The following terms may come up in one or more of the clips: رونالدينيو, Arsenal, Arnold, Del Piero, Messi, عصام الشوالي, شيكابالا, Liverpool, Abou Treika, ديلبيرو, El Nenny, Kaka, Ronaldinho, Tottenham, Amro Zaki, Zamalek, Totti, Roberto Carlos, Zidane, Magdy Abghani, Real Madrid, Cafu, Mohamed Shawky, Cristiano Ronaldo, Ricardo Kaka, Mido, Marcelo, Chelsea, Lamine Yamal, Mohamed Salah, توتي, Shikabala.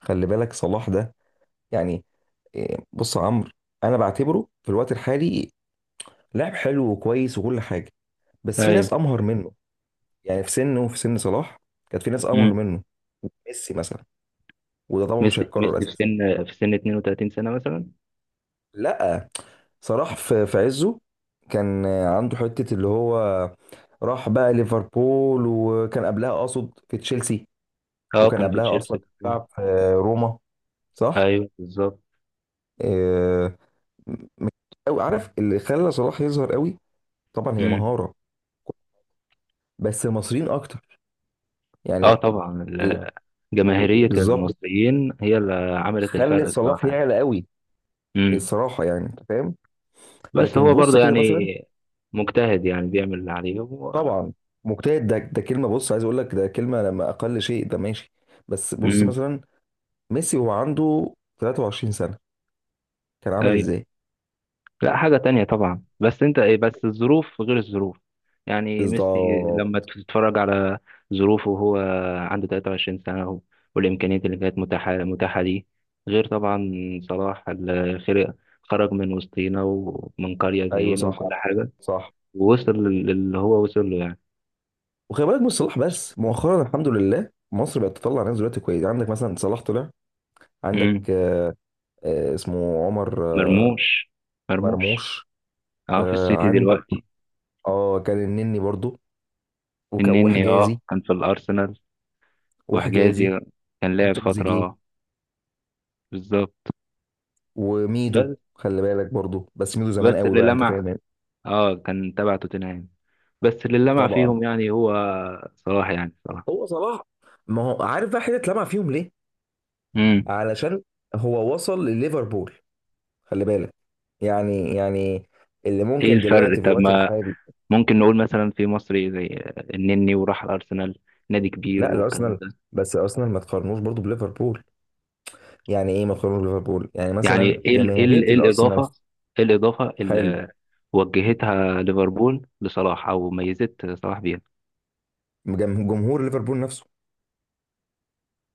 خلي بالك صلاح ده، يعني، إيه، بص يا عمرو. انا بعتبره في الوقت الحالي لاعب حلو وكويس وكل حاجه، بس في ايوه. ناس امهر منه. يعني في سنه وفي سن صلاح كانت في ناس امهر امم منه، ميسي مثلا، وده طبعا مش ميسي هيتكرر في اساسا. سن في سن 32 سنة مثلا. لا صلاح في عزه كان عنده حته اللي هو راح بقى ليفربول، وكان قبلها اقصد في تشيلسي، اه، وكان كان في قبلها اصلا تشيلسي. بيلعب في روما، صح؟ ايوه، بالظبط. إيه، او عارف اللي خلى صلاح يظهر قوي، طبعا هي امم مهاره، بس المصريين اكتر اه يعني. طبعا، ال- جماهيرية بالظبط، المصريين هي اللي عملت خلت الفرق صلاح الصراحة يعني. يعلى قوي. امم الصراحه يعني انت فاهم، بس لكن هو بص برضه كده يعني مثلا، مجتهد، يعني بيعمل اللي عليه و... طبعا. مجتهد ده كلمه، بص عايز اقول لك ده كلمه لما اقل شيء ده ماشي. بس بص امم مثلا ميسي وهو عنده 23 سنه كان عامل ايوه. ازاي. لا، حاجة تانية طبعا، بس انت ايه، بس الظروف غير الظروف. يعني ميسي لما بالظبط. تتفرج على ظروفه وهو عنده 23 سنة والإمكانيات اللي كانت متاحة ليه، غير طبعا صلاح اللي خرج من وسطينا ومن قرية ايوه زينا وكل صح، حاجة، صح. ووصل للي هو وصل له يعني. وخلي بالك مش صلاح بس، مؤخرا الحمد لله مصر بقت تطلع ناس دلوقتي كويس. عندك مثلا صلاح طلع، عندك مم. اسمه عمر. آه، مرموش. مرموش. مرموش. اه، في السيتي عندك دلوقتي. اه كان النني برضو النني وحجازي، اه كان في الأرسنال، وحجازي وحجازي كان لعب فترة وتريزيجيه آه. بالظبط. وميدو. بس خلي بالك برضو بس ميدو زمان بس قوي اللي بقى، انت لمع فاهم يعني. اه كان تبع توتنهام. بس اللي لمع طبعا. فيهم يعني هو صلاح، يعني صلاح. هو صلاح، ما هو عارف بقى حته اتلمع فيهم ليه، امم علشان هو وصل لليفربول، خلي بالك. يعني اللي ايه ممكن الفرق؟ دلوقتي في طب الوقت ما الحالي. ممكن نقول مثلا في مصري زي النني وراح الارسنال، نادي كبير لا والكلام الارسنال، ده. بس الارسنال ما تقارنوش برضو بليفربول. يعني ايه ما تقارنوش بليفربول، يعني يعني مثلا ايه ال ايه ال جماهيريه ايه الارسنال، الاضافه؟ ايه الاضافه حلو. اللي وجهتها ليفربول لصلاح او ميزت صلاح بيها؟ جمهور ليفربول نفسه،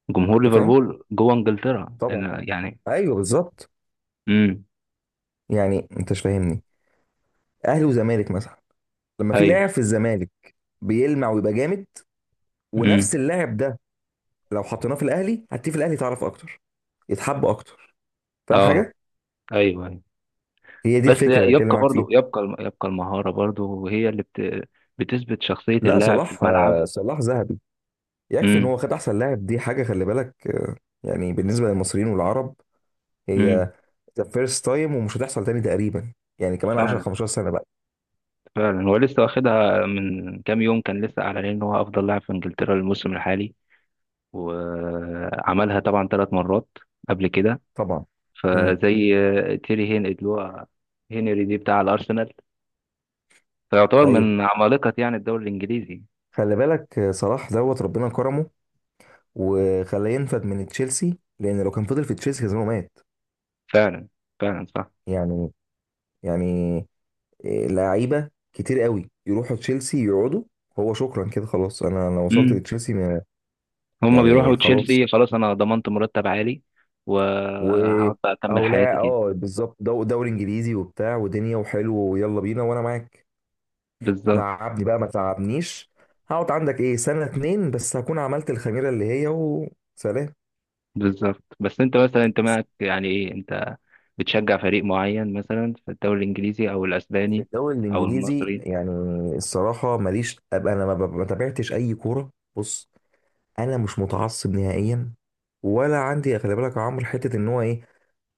جمهور انت فاهم. ليفربول جوه انجلترا طبعا. أنا يعني. ايوه بالظبط. امم يعني انت مش فاهمني، اهلي وزمالك مثلا لما في ايوه. لاعب في الزمالك بيلمع ويبقى جامد، ونفس امم اللاعب ده لو حطيناه في الاهلي هتلاقيه في الاهلي تعرف اكتر، يتحب اكتر، فاهم اه، حاجه. ايوه أيوه. هي دي بس الفكره اللي بتكلم يبقى معاك برضو، فيها. يبقى المهارة برضو هي اللي بتثبت شخصية لا اللاعب في صلاح، الملعب. صلاح ذهبي. يكفي ان امم هو خد احسن لاعب، دي حاجه خلي بالك. يعني بالنسبه للمصريين والعرب، امم هي ذا فيرست تايم ومش هتحصل تاني تقريبا. يعني كمان 10 فعلا، 15 سنه بقى. فعلا. هو لسه واخدها من كام يوم، كان لسه اعلن ان هو افضل لاعب في انجلترا الموسم الحالي، وعملها طبعا ثلاث مرات قبل كده. طبعا. امم. فزي تيري هين، اللي هو هنري دي بتاع الارسنال، فيعتبر ايوه. من عمالقة يعني الدوري الانجليزي. خلي بالك صلاح دوت ربنا كرمه وخلاه ينفد من تشيلسي، لان لو كان فضل في تشيلسي كان زمانه مات. فعلا، فعلا صح. يعني، يعني، إيه، لعيبه كتير قوي يروحوا تشيلسي يقعدوا. هو شكرا كده خلاص انا وصلت امم. لتشيلسي، ما- هما يعني بيروحوا خلاص. تشيلسي، خلاص انا ضمنت مرتب عالي و وهقعد بقى اكمل او حياتي لا كده. اه بالظبط، دوري انجليزي وبتاع ودنيا وحلو، ويلا بينا وانا معاك. بالظبط. لعبني بقى ما تلعبنيش. هقعد عندك ايه سنه اتنين بس هكون عملت الخميره اللي هي، وسلام. بالظبط. بس انت مثلا، انت معك يعني ايه؟ انت بتشجع فريق معين مثلا في الدوري الانجليزي او في الاسباني الدوري او الانجليزي المصري؟ يعني. الصراحه ماليش، ابقى انا ما تابعتش اي كوره. بص انا مش متعصب نهائيا، ولا عندي خلي بالك يا عمرو حته ان هو ايه،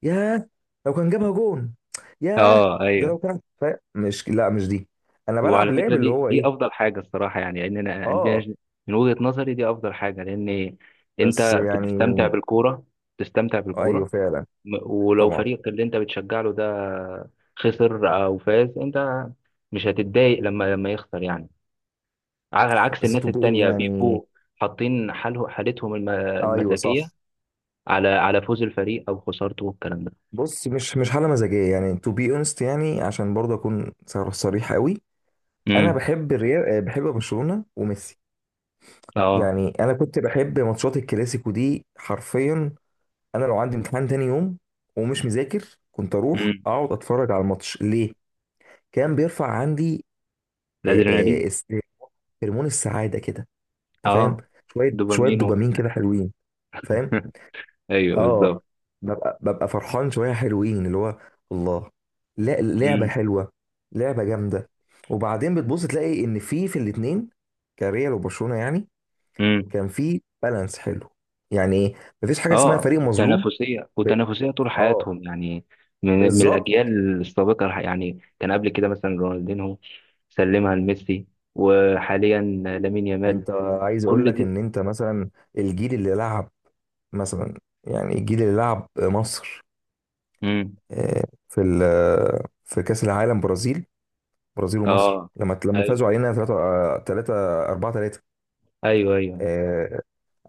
ياه لو كان جابها جون ياه. اه، ده لو ايوه. كان مش دي. انا بلعب وعلى لعب فكره، اللي دي هو ايه، دي افضل حاجه الصراحه يعني، لان انا اه. عندنا من وجهه نظري دي افضل حاجه، لان بس انت يعني. بتستمتع بالكوره، تستمتع ايوه بالكوره. فعلا. ولو طبعا. فريقك اللي انت بتشجع له ده خسر او فاز، انت مش هتتضايق لما يخسر يعني، على عكس بس الناس تو بي التانية يعني. بيبقوا حاطين حالتهم ايوه المزاجية صح. على على فوز الفريق أو خسارته والكلام ده. بص مش حاله مزاجيه يعني، تو بي اونست يعني، عشان برضه اكون صريح قوي. انا امم بحب الريال، بحب برشلونه وميسي. اه. يعني انا كنت بحب ماتشات الكلاسيكو دي حرفيا. انا لو عندي امتحان تاني يوم ومش مذاكر كنت اروح امم اقعد اتفرج على الماتش، ليه؟ كان بيرفع عندي، آه، الأدرينالين. آه، است- هرمون السعاده كده. انت فاهم. اه، شويه شويه دوبامين دوبامين وكده. كده حلوين. فاهم. ايوه، اه. بالظبط. ببقى فرحان شويه حلوين اللي هو الله. لا لعبه امم حلوه، لعبه جامده. وبعدين بتبص تلاقي ان في الاتنين كريال وبرشلونه يعني امم كان في بالانس حلو. يعني ايه، مفيش حاجه اسمها اه، فريق مظلوم. وتنافسيه، ب... وتنافسيه طول اه حياتهم يعني. من، من بالظبط. الاجيال السابقه يعني كان قبل كده مثلا رونالدينهو سلمها لميسي، وحاليا لامين يامال. انت، عايز اقول لك كل ان انت مثلا الجيل اللي لعب مثلا، يعني الجيل اللي لعب مصر، دي. آه، في ال... في كاس العالم برازيل. برازيل ومصر اه، لما ايوه. فازوا علينا 3 3 4 3. ايوه، ايوه، آه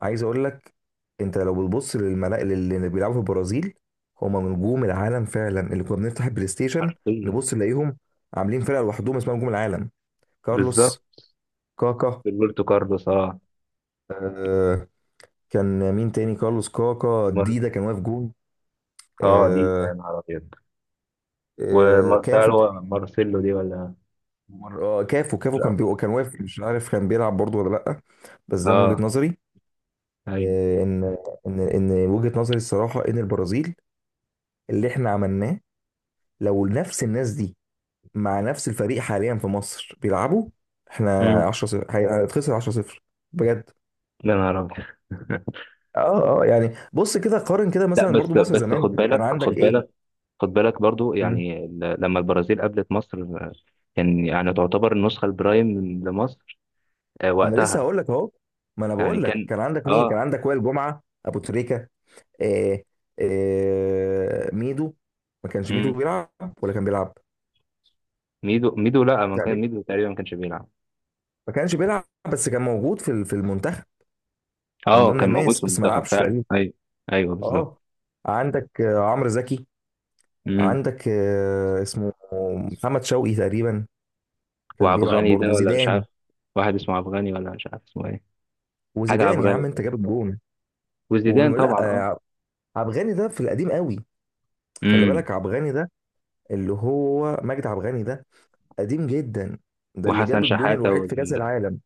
عايز اقول لك، انت لو بتبص للملا اللي بيلعبوا في البرازيل هم نجوم العالم فعلا اللي كنا بنفتح البلاي ستيشن حرفيا. نبص نلاقيهم عاملين فرقه لوحدهم اسمها نجوم العالم. كارلوس، بالظبط. كاكا، روبرتو كارلوس، اه. آه كان مين تاني، كارلوس كاكا مر... ديدا كان واقف جون. اه، دي يا آه. نهار ابيض. آه كافو ومارسيلو، تقريبا. مارسيلو دي ولا؟ اه كافو، كافو لا. كان كان واقف، مش عارف كان بيلعب برضه ولا لا. بس ده من وجهه اه، نظري، ايوه. آه. ان وجهه نظري الصراحه ان البرازيل اللي احنا عملناه لو نفس الناس دي مع نفس الفريق حاليا في مصر بيلعبوا احنا امم 10 0 هيتخسر 10 0 بجد. يا نهار ابيض. اه اه، يعني بص كده قارن كده لا مثلا بس برضو مصر بس، خد زمان كان بالك، عندك خد ايه. بالك، خد بالك برضو مم. يعني، لما البرازيل قابلت مصر آه، كان يعني تعتبر النسخة البرايم لمصر آه، ما انا لسه وقتها. هقول لك اهو، ما انا يعني بقول لك كان، كان عندك مين، اه. كان عندك وائل جمعه ابو تريكه، آه، آه ميدو. ما كانش ميدو امم بيلعب ولا كان بيلعب؟ ميدو لا، ما لا كان بي- ميدو تقريبا ما كانش بيلعب. ما كانش بيلعب، بس كان موجود في في المنتخب، من اه، ضمن كان موجود الناس في بس ما المنتخب لعبش فعلا. تقريبا. ايوه، ايوه، بالظبط. اه. عندك عمرو زكي. امم عندك اسمه محمد شوقي تقريبا كان بيلعب، وعبغاني برضه ده، ولا مش عارف؟ زيدان. واحد اسمه عبغاني ولا مش عارف اسمه ايه، حاجة وزيدان يا عبغاني عم ده. انت جاب الجون وزيدان ولا، طبعا، اه. آه، عبغاني ده في القديم قوي. خلي بالك امم عبغاني ده اللي هو مجدي عبغاني ده، قديم جدا. ده اللي وحسن جاب الجون شحاتة الوحيد في كأس العالم.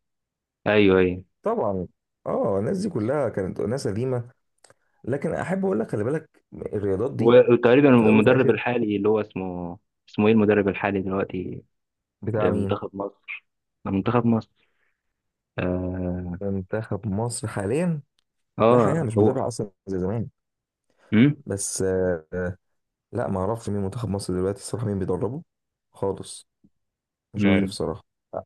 ايوه، ايوه. طبعا. اه الناس دي كلها كانت ناس قديمة، لكن احب اقول لك خلي بالك الرياضات دي وتقريبا في الاول وفي المدرب الاخر. الحالي اللي هو اسمه، اسمه ايه المدرب الحالي دلوقتي بتاع مين، لمنتخب مصر؟ آه، منتخب مصر، اه, منتخب مصر حاليا؟ لا حقيقة آه مش هو. بتابع اصلا زي زمان، امم بس لا ما اعرفش مين منتخب مصر دلوقتي الصراحه مين بيدربه، خالص. مش عارف امم صراحه. لا.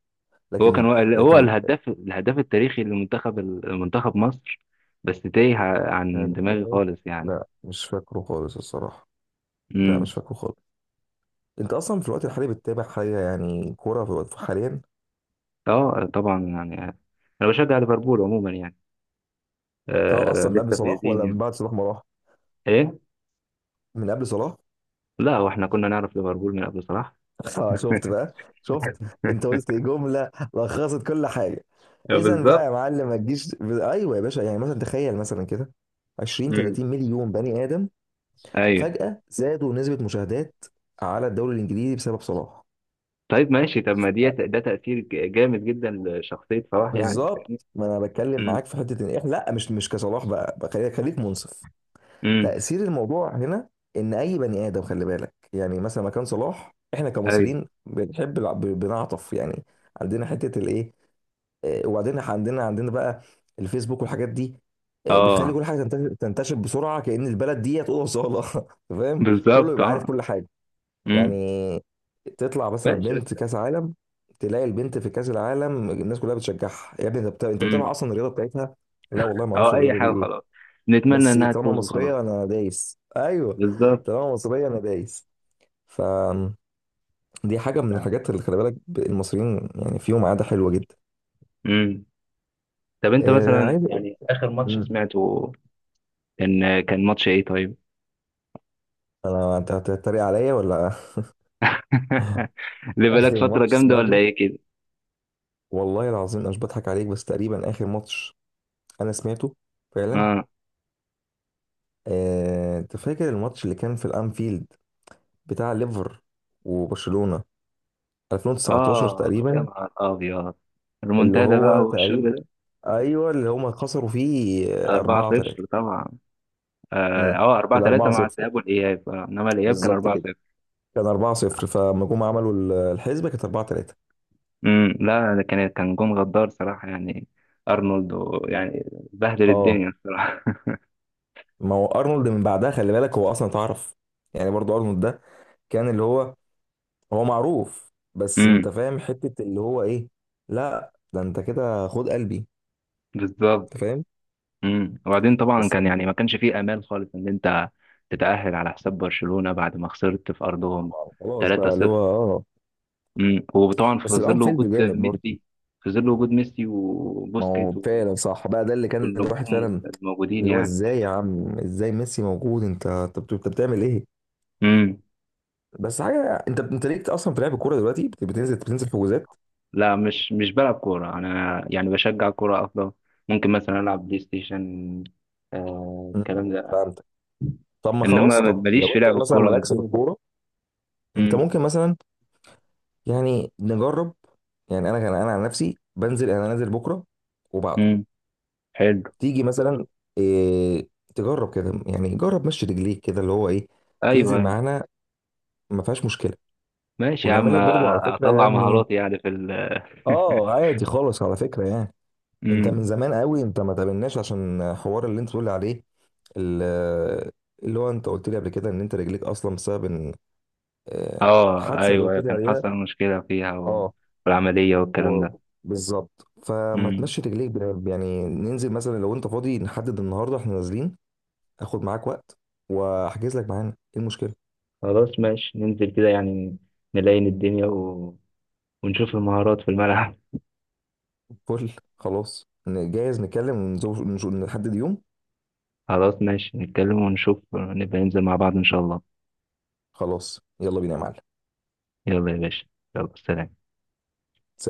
هو كان لكن هو لكن الهداف، الهداف التاريخي لمنتخب، منتخب مصر، بس تايه عن دماغي هداف؟ خالص لا مش فاكره خالص الصراحه. لا يعني. مش فاكره خالص. انت اصلا في الوقت الحالي بتتابع حاجه يعني كوره في الوقت حاليا؟ اه طبعا يعني، انا بشجع ليفربول عموما يعني، اه آه اصلا من قبل لسه صلاح فايزين ولا من يعني. بعد صلاح ما راح؟ ايه، من قبل صلاح. لا، واحنا كنا نعرف ليفربول من قبل صلاح. شفت بقى، شفت. انت قلت جمله لخصت كل حاجه. اذا بقى يا بالظبط. معلم ما تجيش، ايوه يا باشا. يعني مثلا تخيل مثلا كده 20 امم 30 مليون بني ادم ايوه. فجأة زادوا نسبة مشاهدات على الدوري الانجليزي بسبب صلاح. طيب، ماشي. طب ما ده تأثير جامد جدا لشخصية صلاح، يعني بالظبط، فاهمني. ما انا بتكلم امم معاك في حته ان احنا لا مش كصلاح بقى، خليك منصف. امم تاثير الموضوع هنا ان اي بني ادم خلي بالك، يعني مثلا مكان صلاح، احنا ايوه. كمصريين بنحب بنعطف يعني. عندنا حته الايه، وبعدين إحنا عندنا بقى الفيسبوك والحاجات دي، بتخلي اه، كل حاجه تنتشر، بسرعه كأن البلد دي هتقول صاله. فاهم. كله بالظبط. يبقى عارف اه. كل حاجه امم يعني. تطلع مثلا ماشي، بنت بس. كاس عالم، تلاقي البنت في كاس العالم الناس كلها بتشجعها، يا ابني انت انت امم بتابع اصلا الرياضه بتاعتها؟ لا والله ما اه، اعرفش اي الرياضه دي حاجة ايه، خلاص، نتمنى بس انها طالما تفوز وخلاص. مصريه انا دايس. ايوه، بالظبط. طالما مصريه انا دايس. فدي حاجه من الحاجات اللي خلي بالك المصريين يعني فيهم عاده حلوه جدا. امم طب انت آه مثلا، عايز اقول. يعني اخر ماتش مم. سمعته كان كان ماتش ايه طيب؟ انا، انت هتتريق عليا ولا. اللي بقالك اخر فترة ماتش جامدة ولا سمعته، ايه كده؟ والله العظيم انا مش بضحك عليك بس تقريبا اخر ماتش انا سمعته فعلا، اه، انت فاكر الماتش اللي كان في الانفيلد بتاع ليفر وبرشلونة 2019 اه، يا تقريبا، نهار ابيض، اللي المنتدى بقى هو تقريبا، والشغل ده. ايوه اللي هما خسروا فيه 4 4 3. 0 طبعا. اه، امم. آه، 4 ال 3 4 مع 0. الذهاب والاياب آه. انما الاياب كان بالظبط 4 كده، 0 كان 4 0 فلما جم عملوا الحسبة كانت 4 3. لا، ده كان كان جون غدار صراحة يعني. ارنولد يعني بهدل اه، الدنيا الصراحة. ما هو ارنولد من بعدها خلي بالك هو اصلا اتعرف، يعني برضو ارنولد ده كان اللي هو، هو معروف، بس امم انت فاهم حتة اللي هو ايه. لا ده انت كده خد قلبي. بالظبط. انت فاهم. وبعدين طبعا بس. كان يعني ما كانش فيه امال خالص ان انت تتأهل على حساب برشلونة بعد ما خسرت في ارضهم خلاص بقى اللي 3-0. هو اه. مم. وطبعا في بس ظل وجود الانفيلد جامد برضه. ميسي، في ظل وجود ميسي ما وبوسكيت هو فعلا صح بقى، ده اللي كان الواحد والنجوم فعلا الموجودين اللي هو يعني. ازاي يا عم ازاي ميسي موجود، انت انت بتعمل ايه. مم. بس حاجه انت، انت ليك اصلا بتلعب الكوره دلوقتي، بتنزل، بتنزل في حجوزات؟ لا، مش بلعب كورة أنا يعني، بشجع كورة أفضل. ممكن مثلا ألعب بلاي ستيشن، آه الكلام مم. ده. فهمتك. طب ما إنما خلاص، طب ماليش لو في انت لعب مثلا الكورة مالكش بالظبط. في الكوره، انت مم. ممكن مثلا يعني نجرب. يعني انا كان انا عن نفسي بنزل، انا نازل بكره وبعده. مم. حلو. تيجي مثلا، إيه، تجرب كده يعني جرب مشي رجليك كده اللي هو ايه، أيوه، تنزل أيوه. معانا، ما فيهاش مشكله. ماشي يا عم. ونعمل لك برضو على فكره أطلع يعني. مهاراتي يعني في ال. اه عادي خالص على فكره يعني. انت من مم. زمان قوي انت ما تقابلناش، عشان حوار اللي انت بتقول عليه ال- اللي هو انت قلت لي قبل كده ان انت رجليك اصلا بسبب ان، آه، أه، الحادثه اللي أيوه قلت أيوه. لي كان عليها، حصل مشكلة فيها، اه، والعملية و- والكلام بالظبط. ده. فما تمشي رجليك يعني ننزل مثلا لو انت فاضي نحدد النهارده احنا نازلين، اخد معاك وقت، واحجز لك معانا، ايه المشكله. خلاص، ماشي، ننزل كده يعني، نلاين الدنيا و... ونشوف المهارات في الملعب. فل خلاص جاهز نتكلم ونشوف، نحدد يوم. خلاص ماشي، نتكلم ونشوف، نبقى ننزل مع بعض إن شاء الله. خلاص يلا بينا يا معلم. يلا يا باشا، يلا، سلام. سلام.